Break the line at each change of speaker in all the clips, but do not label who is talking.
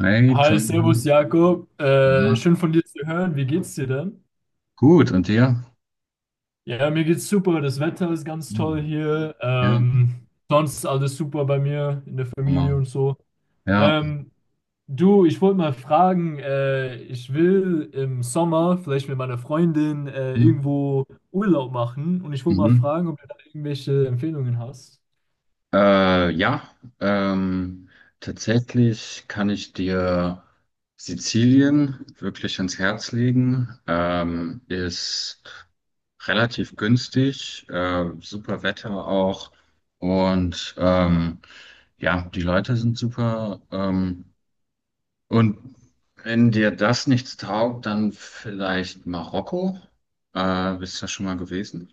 Hey,
Hi,
Tommy.
Servus Jakob.
Na,
Schön von dir zu hören. Wie geht's dir denn?
gut, und dir?
Ja, mir geht's super. Das Wetter ist ganz toll
Hm.
hier.
Ja,
Sonst alles super bei mir in der Familie
Hammer.
und so.
Ja.
Ähm, Du, ich wollte mal fragen, ich will im Sommer vielleicht mit meiner Freundin
Hm.
irgendwo Urlaub machen und ich wollte mal
Mhm.
fragen, ob du da irgendwelche Empfehlungen hast.
Äh, ja, ähm, Tatsächlich kann ich dir Sizilien wirklich ans Herz legen. Ist relativ günstig, super Wetter auch. Und ja, die Leute sind super. Und wenn dir das nichts taugt, dann vielleicht Marokko. Bist du da schon mal gewesen?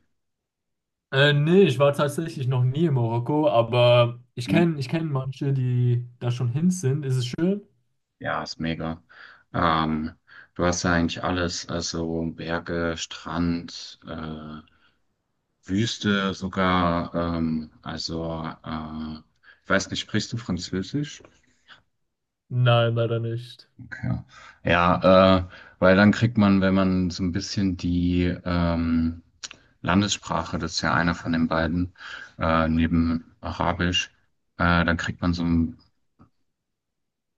Nee, ich war tatsächlich noch nie in Marokko, aber ich
Mhm.
kenne ich kenn manche, die da schon hin sind. Ist es schön?
Ja, ist mega. Ähm, Du hast ja eigentlich alles, also Berge, Strand, Wüste sogar. Ich weiß nicht, sprichst du Französisch?
Nein, leider nicht.
Ja, ja äh, weil dann kriegt man, wenn man so ein bisschen die Landessprache, das ist ja einer von den beiden, neben Arabisch, dann kriegt man so ein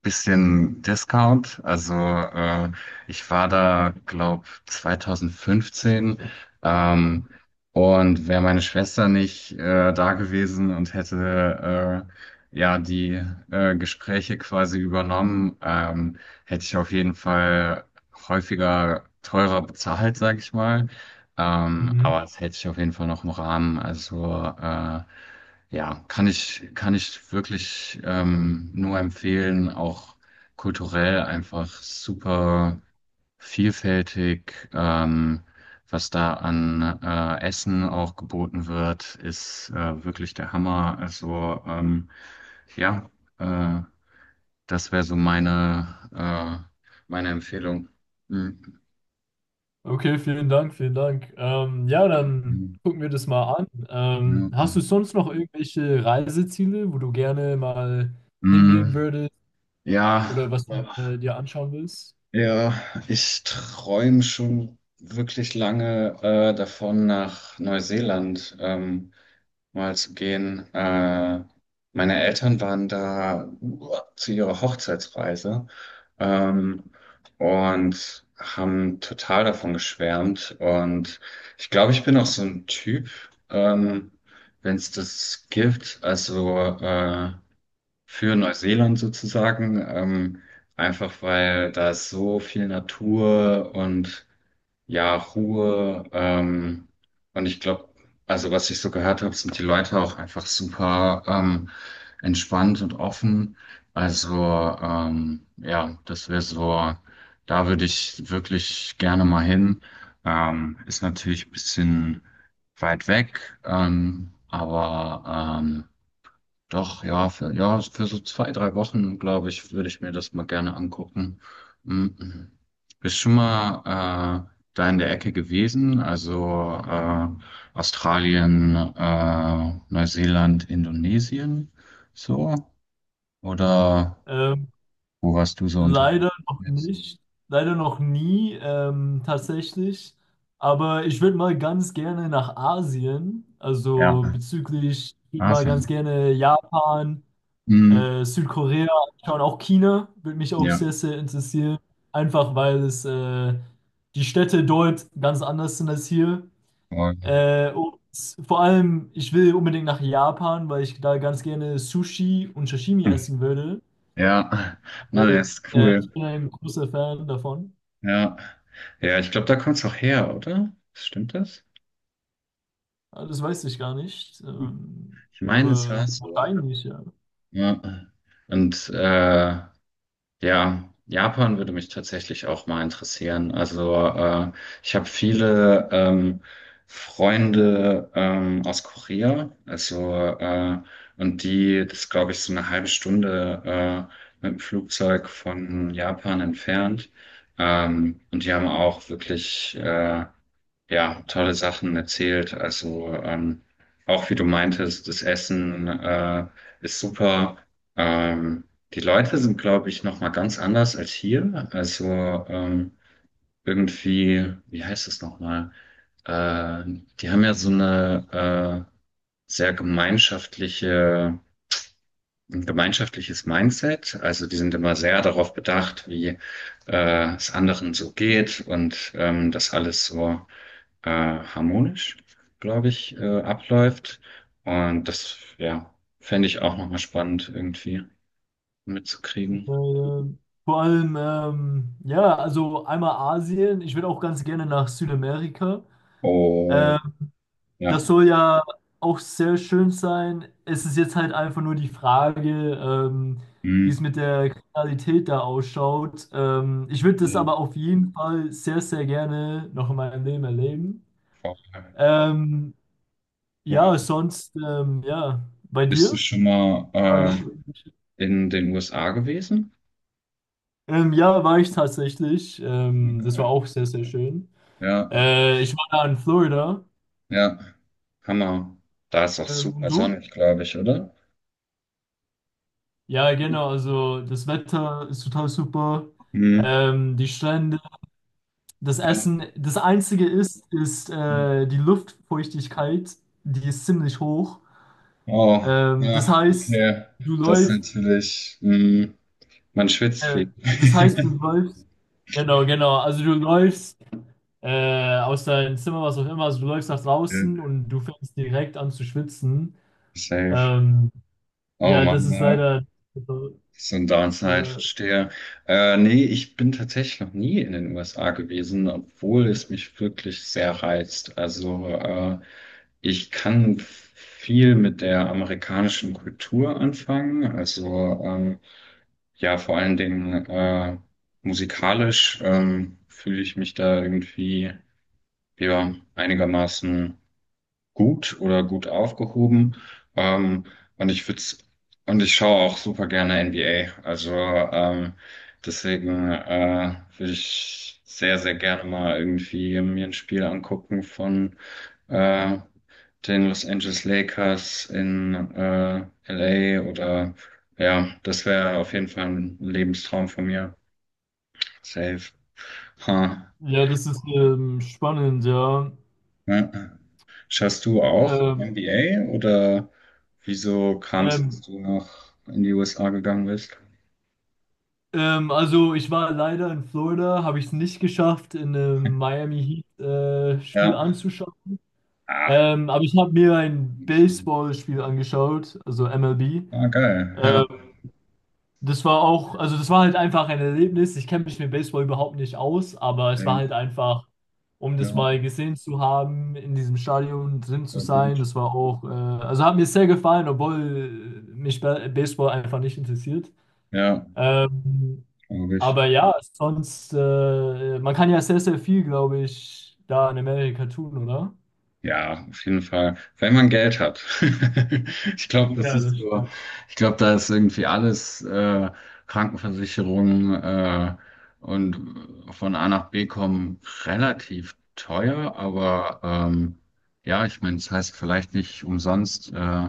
bisschen Discount. Ich war da, glaube 2015. Ähm, und wäre meine Schwester nicht da gewesen und hätte ja die Gespräche quasi übernommen, hätte ich auf jeden Fall häufiger teurer bezahlt, sag ich mal. Aber
Mhm.
das hätte ich auf jeden Fall noch im Rahmen. Ja, kann ich wirklich nur empfehlen, auch kulturell einfach super vielfältig, was da an Essen auch geboten wird, ist wirklich der Hammer. Ja, äh, Das wäre so meine, meine Empfehlung. Mhm.
Okay, vielen Dank, vielen Dank. Ja, dann gucken wir das mal an. Hast du
Ja.
sonst noch irgendwelche Reiseziele, wo du gerne mal hingehen
Mhm.
würdest oder
Ja.
was du dir anschauen willst?
Ja, ich träume schon wirklich lange davon, nach Neuseeland mal zu gehen. Meine Eltern waren da zu ihrer Hochzeitsreise, ähm, und haben total davon geschwärmt. Und ich glaube, ich bin auch so ein Typ, ähm, wenn es das gibt. Für Neuseeland sozusagen, einfach weil da ist so viel Natur und ja, Ruhe. Und ich glaube, also was ich so gehört habe, sind die Leute auch einfach super, entspannt und offen. Ja, das wäre so, da würde ich wirklich gerne mal hin. Ist natürlich ein bisschen weit weg, doch, ja, für so zwei, drei Wochen, glaube ich, würde ich mir das mal gerne angucken. Mhm. Bist schon mal da in der Ecke gewesen? Australien, Neuseeland, Indonesien, so? Oder
Ähm,
wo warst du so unterwegs
Leider noch
jetzt?
nicht. Leider noch nie, tatsächlich. Aber ich würde mal ganz gerne nach Asien. Also
Ja,
bezüglich, ich würd mal ganz
Asien.
gerne Japan.
Mhm.
Südkorea, schauen auch China, würde mich auch
Ja,
sehr, sehr interessieren. Einfach weil es die Städte dort ganz anders sind als hier.
voll.
Und vor allem, ich will unbedingt nach Japan, weil ich da ganz gerne Sushi und Sashimi essen würde.
Ja,
Äh,
na, das ist cool.
Ich bin ein großer Fan davon.
Ja, ja, ich glaube, da kommst du auch her, oder? Stimmt das?
Ah, das weiß ich gar nicht.
Ich meine, es war
Aber
so.
eigentlich, ja.
Ja. Und äh, ja, Japan würde mich tatsächlich auch mal interessieren. Ich habe viele Freunde aus Korea, äh, und die, das glaube ich, so eine halbe Stunde mit dem Flugzeug von Japan entfernt. Und die haben auch wirklich ja, tolle Sachen erzählt. Auch wie du meintest, das Essen ist super. Ähm, die Leute sind, glaube ich, noch mal ganz anders als hier. Irgendwie, wie heißt es noch mal? Äh, Die haben ja so eine sehr gemeinschaftliche, ein gemeinschaftliches Mindset. Also die sind immer sehr darauf bedacht, wie es anderen so geht und dass alles so harmonisch, glaube ich, abläuft. Und das, ja, fände ich auch nochmal spannend irgendwie
Äh,
mitzukriegen.
Vor allem, ja, also einmal Asien. Ich würde auch ganz gerne nach Südamerika. Äh,
Oh,
Das
ja.
soll ja auch sehr schön sein. Es ist jetzt halt einfach nur die Frage, wie es
Hm.
mit der Kriminalität da ausschaut. Ich würde das
Die
aber auf jeden Fall sehr, sehr gerne noch in meinem Leben erleben.
Vorteile.
Ähm,
Ja.
ja, sonst, ja, bei
Bist du
dir?
schon mal
Ja, noch. Irgendwelche-
in den USA gewesen?
Ja, war ich tatsächlich.
Ah,
Das war
geil.
auch sehr, sehr schön.
Ja,
Ich war da in Florida.
ja. Hammer. Da ist auch
Und
super
du?
sonnig, glaube ich, oder?
Ja, genau, also das Wetter ist total super.
Hm.
Die Strände, das
Ja.
Essen. Das Einzige ist die Luftfeuchtigkeit, die ist ziemlich hoch.
Oh,
Das
ja,
heißt,
okay.
du
Das ist
läufst,
natürlich, hm, man schwitzt
äh,
viel.
du läufst, genau, genau, also du läufst aus deinem Zimmer, was auch immer, also du läufst nach draußen
Ja,
und du fängst direkt an zu schwitzen.
Safe.
Ähm,
Oh
ja, das
Mann,
ist
ja.
leider,
So ein Downside,
ja,
verstehe. Nee, ich bin tatsächlich noch nie in den USA gewesen, obwohl es mich wirklich sehr reizt. Ich kann viel mit der amerikanischen Kultur anfangen. Ja, vor allen Dingen musikalisch fühle ich mich da irgendwie ja, einigermaßen gut oder gut aufgehoben. Ähm, und ich würde und ich schaue auch super gerne NBA. Also deswegen Würde ich sehr, sehr gerne mal irgendwie mir ein Spiel angucken von äh, den Los Angeles Lakers in LA, oder ja, das wäre auf jeden Fall ein Lebenstraum von mir. Safe. Huh.
ja, das ist spannend, ja.
Ja. Schaust du auch
Ähm,
NBA, oder wieso kam es, dass
Ähm,
du nach in die USA gegangen bist?
also ich war leider in Florida, habe ich es nicht geschafft, in einem Miami Heat Spiel
Ja.
anzuschauen.
Ah,
Aber ich habe mir ein Baseballspiel angeschaut, also MLB.
ah, geil. Ja.
Ähm, Das war auch, also das war halt einfach ein Erlebnis. Ich kenne mich mit Baseball überhaupt nicht aus, aber es
Sehr
war halt
gut.
einfach, um
Ja,
das mal gesehen zu haben, in diesem Stadion drin zu
war
sein.
gut.
Das war auch, also hat mir sehr gefallen, obwohl mich Baseball einfach nicht interessiert.
Ja,
Ähm,
glaube ich.
aber ja, sonst, man kann ja sehr, sehr viel, glaube ich, da in Amerika tun, oder?
Ja, auf jeden Fall. Wenn man Geld hat. Ich glaube, das
Ja,
ist
das
so,
stimmt.
ich glaube, da ist irgendwie alles, Krankenversicherung, und von A nach B kommen relativ teuer, ja, ich meine, es heißt vielleicht nicht umsonst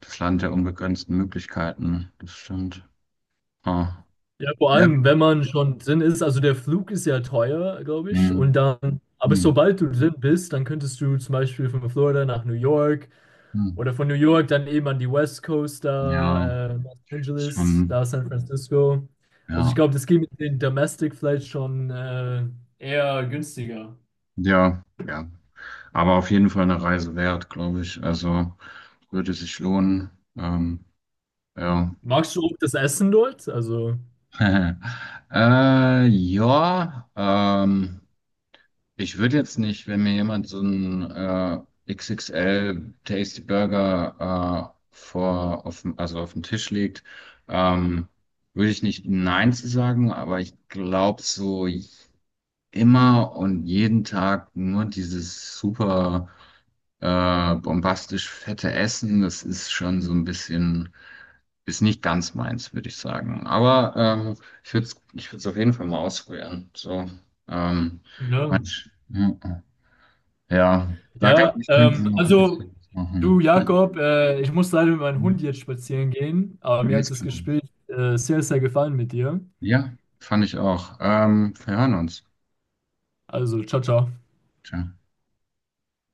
das Land der unbegrenzten Möglichkeiten. Das stimmt. Ah.
Ja, vor
Ja.
allem, wenn man schon drin ist, also der Flug ist ja teuer, glaube ich, und
Hm,
dann, aber
hm,
sobald du drin bist, dann könntest du zum Beispiel von Florida nach New York
hm.
oder von New York dann eben an die West Coast
Ja,
da, Los Angeles, da
schon,
San Francisco. Also ich
ja.
glaube, das geht mit den Domestic vielleicht schon eher günstiger.
Ja, ja. Aber auf jeden Fall eine Reise wert, glaube ich. Also würde sich lohnen. Ähm, ja.
Magst du auch das Essen dort? Also,
Äh, ja, ähm, Ich würde jetzt nicht, wenn mir jemand so einen XXL Tasty Burger also auf dem Tisch legt, ähm, würde ich nicht Nein zu sagen, aber ich glaube so immer und jeden Tag nur dieses super, bombastisch fette Essen, das ist schon so ein bisschen, ist nicht ganz meins, würde ich sagen. Aber ich würde es auf jeden Fall mal ausprobieren. Ähm,
ja,
manch, ja, ja, da gab
ja,
ich könnte noch ein
also,
bisschen was machen.
du Jakob, ich muss leider mit meinem Hund jetzt spazieren gehen, aber mir
Ganz
hat das
klar.
Gespräch sehr, sehr gefallen mit dir.
Ja, fand ich auch. Wir hören uns.
Also, ciao, ciao.
Ciao.